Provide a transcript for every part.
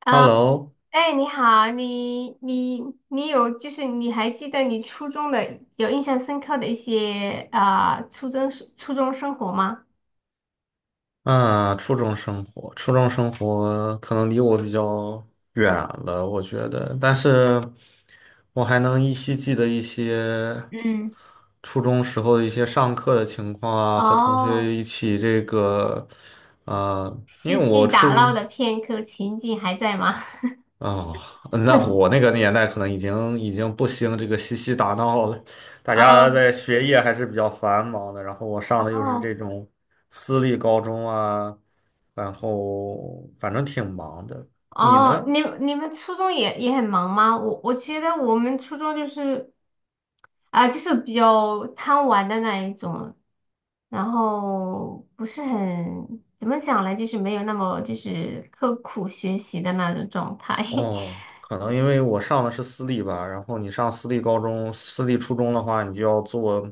啊，Hello,哎，你好，你你你有就是你还记得你初中的有印象深刻的一些初中生活吗？啊，初中生活，可能离我比较远了，我觉得，但是我还能依稀记得一些嗯，初中时候的一些上课的情况啊，和同哦，学一起这个，呃，因嬉为戏我初打闹中的片刻情景还在吗？哦，那我 那个年代可能已经不兴这个嬉戏打闹了，大家在哦学业还是比较繁忙的。然后我上的又是这哦种私立高中啊，然后反正挺忙的。你哦，呢？你们初中也很忙吗？我觉得我们初中就是就是比较贪玩的那一种，然后不是很，怎么讲呢？就是没有那么就是刻苦学习的那种状态。哦，可能因为我上的是私立吧，然后你上私立高中、私立初中的话，你就要做。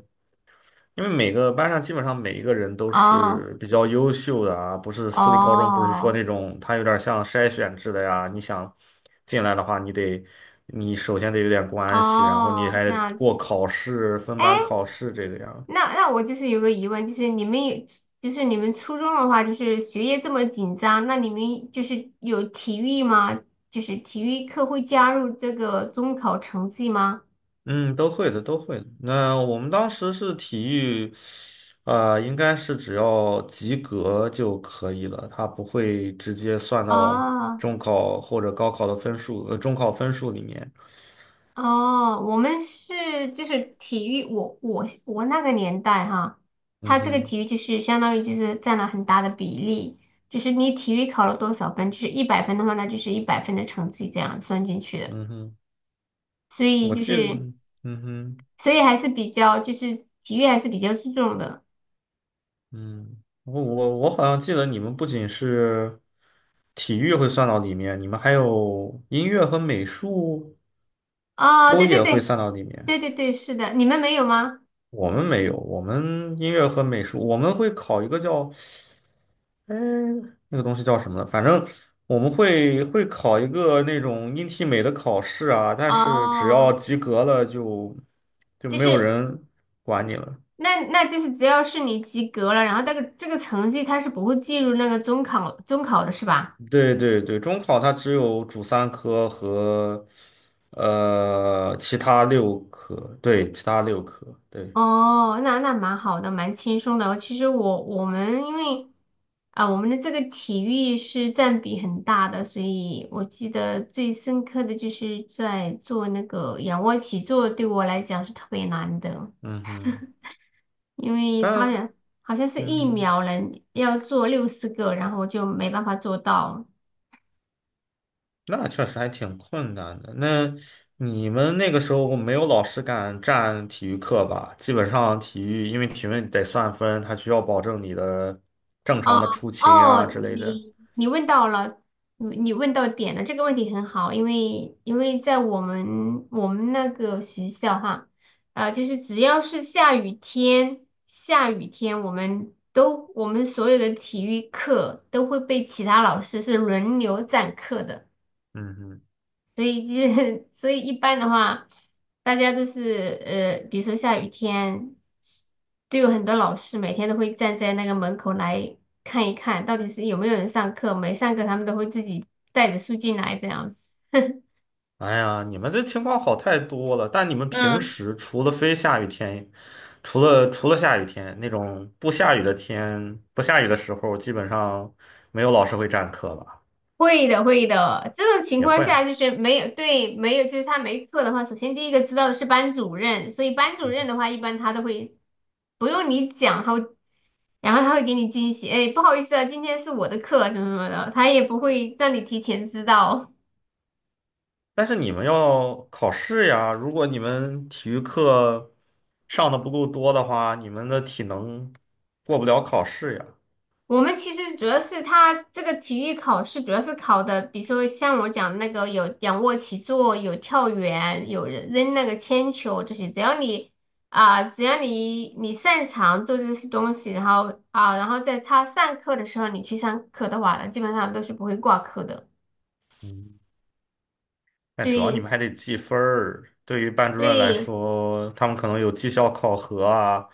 因为每个班上基本上每一个人都哦是比较优秀的啊，不是私立高中，不是说哦那种他有点像筛选制的呀。你想进来的话，你首先得有点关系，然后你哦，还这得样过子。考试，分哎，班考试这个样。那我就是有个疑问，你们初中的话，就是学业这么紧张，那你们就是有体育吗？就是体育课会加入这个中考成绩吗？嗯，都会的，都会的。那我们当时是体育，呃，应该是只要及格就可以了，他不会直接算到啊。中考或者高考的分数，呃，中考分数里面。哦，我们是就是体育，我那个年代哈，他嗯这个哼。体育就是相当于就是占了很大的比例，就是你体育考了多少分，就是一百分的话，那就是一百分的成绩这样算进去的，嗯哼。所以我就记得是嗯哼。所以还是比较就是体育还是比较注重的。嗯，我好像记得你们不仅是体育会算到里面，你们还有音乐和美术哦，都对对也会对算到里面。对对对，是的，你们没有吗？我们没有，我们音乐和美术，我们会考一个叫，哎，那个东西叫什么呢？反正我们会考一个那种音体美的考试啊，但是只要哦，及格了就就没有是人管你了。那就是只要是你及格了，然后这个成绩它是不会计入那个中考的是吧？对对对，中考它只有主三科和呃其他六科，对，其他六科，对。哦，那蛮好的，蛮轻松的。其实我们因为啊，我们的这个体育是占比很大的，所以我记得最深刻的就是在做那个仰卧起坐，对我来讲是特别难的，嗯哼。因为它好但像好像是嗯一哼，秒能要做60个，然后我就没办法做到。那确实还挺困难的。那你们那个时候没有老师敢占体育课吧？基本上体育，因为体育得算分，他需要保证你的正常哦的出勤啊之哦，类的。你问到了，你问到点了，这个问题很好，因为在我们那个学校哈，啊，就是只要是下雨天，下雨天我们所有的体育课都会被其他老师是轮流占课的。嗯哼。所以就是 所以一般的话，大家都是比如说下雨天，都有很多老师每天都会站在那个门口来看一看，到底是有没有人上课，没上课他们都会自己带着书进来这样子。哎呀，你们这情况好太多了。但你们平嗯，时除了非下雨天，除了下雨天那种不下雨的天，不下雨的时候，基本上没有老师会占课吧？会的，会的。这种情也况会下啊，就是没有，对，没有，就是他没课的话，首先第一个知道的是班主任，所以班主嗯。任的话，一般他都会不用你讲，他会。然后他会给你惊喜，哎，不好意思啊，今天是我的课什么什么的，他也不会让你提前知道。但是你们要考试呀，如果你们体育课上的不够多的话，你们的体能过不了考试呀。我们其实主要是他这个体育考试，主要是考的，比如说像我讲的那个有仰卧起坐，有跳远，有人扔那个铅球这些，只要你只要你擅长做这些东西，然后在他上课的时候你去上课的话呢基本上都是不会挂科的。嗯。但主要你对们还得记分儿，对于班主任来对，说，他们可能有绩效考核啊，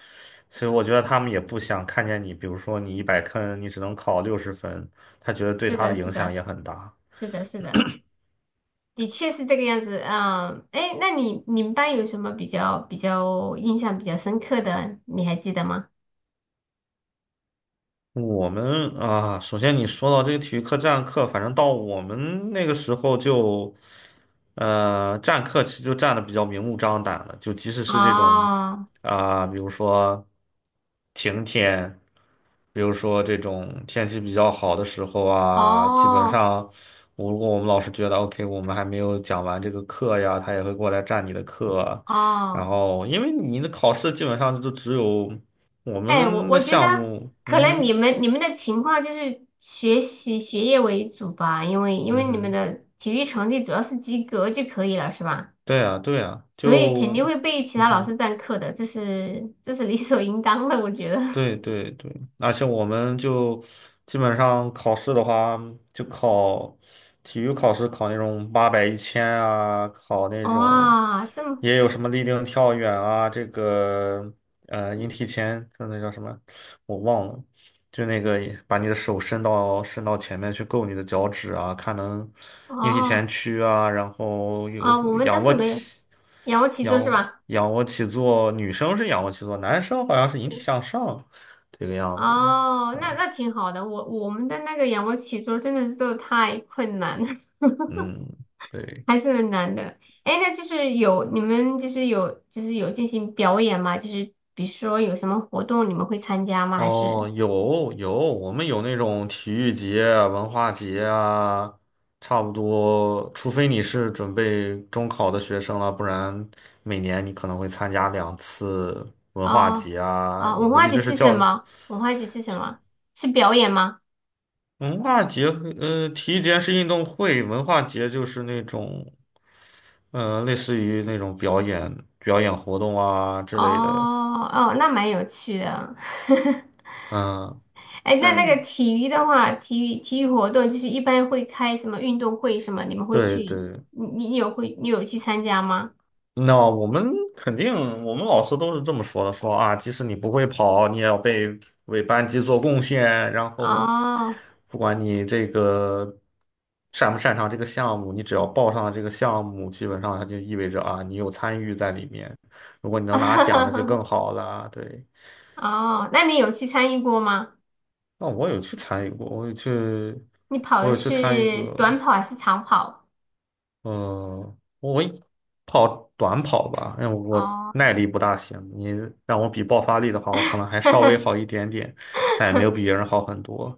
所以我觉得他们也不想看见你，比如说你一百坑，你只能考六十分，他觉得对是他的，的是影响的，也很大。是的，是的。的确是这个样子，嗯，哎，那你们班有什么比较印象比较深刻的，你还记得吗？我们啊，首先你说到这个体育课占课，反正到我们那个时候就，呃，占课其实就占的比较明目张胆了，就即使是这种哦啊、比如说晴天，比如说这种天气比较好的时候啊，基本哦上我如果我们老师觉得 OK，我们还没有讲完这个课呀，他也会过来占你的课，然哦，后因为你的考试基本上就只有我哎，我们的我觉得项目。可嗯能你哼。们你们的情况就是学业为主吧，因为嗯你们哼，的体育成绩主要是及格就可以了，是吧？对啊，对啊，所以就，肯定会被其嗯他老师哼，占课的，这是理所应当的，我觉得。对 对对，而且我们就基本上考试的话，就考体育考试，考那种八百、一千啊，考那种哇，这么也有什么立定跳远啊，这个呃引体前，就那叫什么，我忘了，就那个把你的手伸到前面去够你的脚趾啊，看能引体哦前屈啊，然后有我们倒仰卧是没有起。仰卧起坐是仰吧？仰卧起坐，女生是仰卧起坐，男生好像是引体向上这个样子的。哦，那挺好的。我们的那个仰卧起坐真的是做的太困难了，嗯，对。还是很难的。哎，那就是有你们就是有就是有进行表演吗？就是比如说有什么活动你们会参加吗？还是哦，有有，我们有那种体育节啊、文化节啊，差不多，除非你是准备中考的学生了，不然每年你可能会参加两次文化哦节啊。哦，我文估化计节这是是什教么？文化节是什么？是表演吗？文化节和呃，体育节是运动会，文化节就是那种，呃，类似于那种表演、表演活动啊之哦类的。哦，那蛮有趣的。嗯。哎，那嗯，体育的话，体育活动就是一般会开什么运动会什么，你们会对去，对。你有去参加吗？那我们肯定，我们老师都是这么说的，说啊，即使你不会跑，你也要被为班级做贡献，然后哦，不管你这个擅不擅长这个项目，你只要报上了这个项目，基本上它就意味着啊，你有参与在里面。如果你能拿奖，那就更 好了。对，哦，那你有去参与过吗？那我有去参与过，我有去，你跑我的有去参与是短过。跑还是长跑？嗯，我跑短跑吧，因为我哦，耐力不大行。你让我比爆发力的话，我可能还稍微好一点点，但也没有比别人好很多。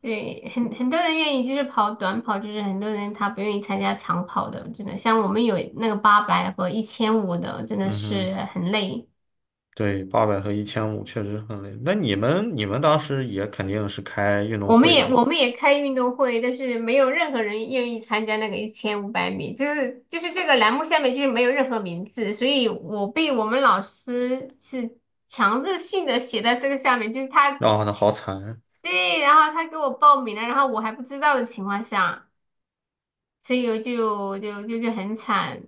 对，很多人愿意就是跑短跑，就是很多人他不愿意参加长跑的，真的，像我们有那个八百和一千五的，真的嗯是哼。很累。对，八百和一千五确实很累。那你们当时也肯定是开运动我们会也的吧？我们也开运动会，但是没有任何人愿意参加那个一千五百米，就是这个栏目下面就是没有任何名字，所以我被我们老师是强制性的写在这个下面，就是他然后呢，好惨。对，然后他给我报名了，然后我还不知道的情况下，所以我就很惨，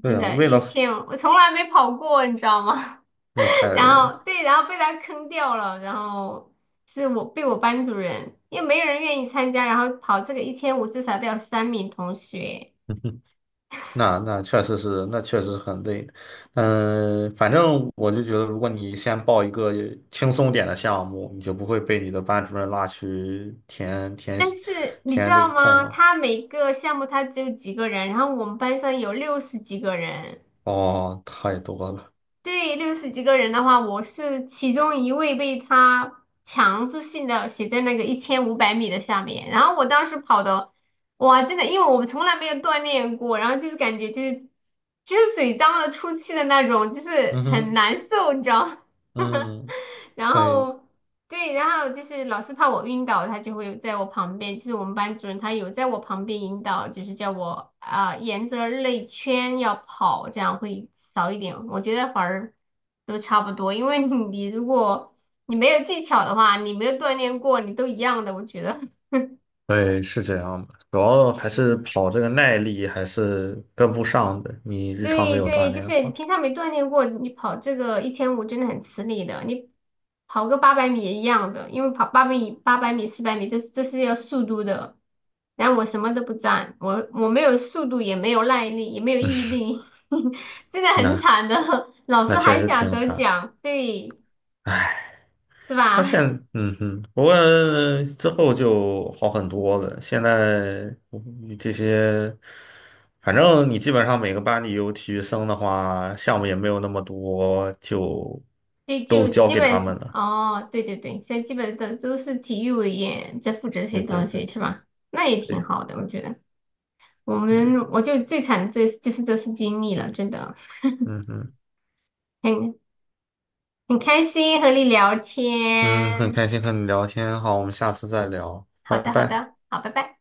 对真啊，的，为一了千我从来没跑过，你知道吗？我太然累了。后对，然后被他坑掉了，然后是我被我班主任，因为没有人愿意参加，然后跑这个一千五至少都要三名同学。那确实是，那确实是很累。嗯，反正我就觉得，如果你先报一个轻松点的项目，你就不会被你的班主任拉去填填但是你知填这道个空吗？了。他每个项目他只有几个人，然后我们班上有六十几个人，哦，太多了。对，六十几个人的话，我是其中一位被他强制性的写在那个一千五百米的下面，然后我当时跑的，哇，真的，因为我们从来没有锻炼过，然后就是感觉就是嘴张了出气的那种，就是嗯很哼。难受，你知道吗？嗯，然对后对，然后就是老师怕我晕倒，他就会在我旁边，其实我们班主任他有在我旁边引导，就是叫我沿着内圈要跑，这样会少一点。我觉得反而都差不多，因为你如果你没有技巧的话，你没有锻炼过，你都一样的，我觉得。对，是这样的。主要还是 跑这个耐力还是跟不上的，你日常没对有锻对，就炼的是你话，平常没锻炼过，你跑这个一千五真的很吃力的。你跑个八百米也一样的，因为跑八百米、400米，这是要速度的。然后我什么都不占，我没有速度，也没有耐力，也没有毅力，真的很那惨的。老师那确还实想挺得惨。奖，对，是他现，吧？嗯哼，不过之后就好很多了。现在嗯这些，反正你基本上每个班里有体育生的话，项目也没有那么多，就对，就都交基给本他们是了。哦，对对对，现在基本的都是体育委员在负责这些对对东西，对是吧？那也挺对。好的，我觉得。我嗯们我就最惨的这就是这次经历了，真的嗯嗯很很开心和你聊嗯，很天。开心和你聊天，好，我们下次再聊，好拜的，好拜。的，好，拜拜。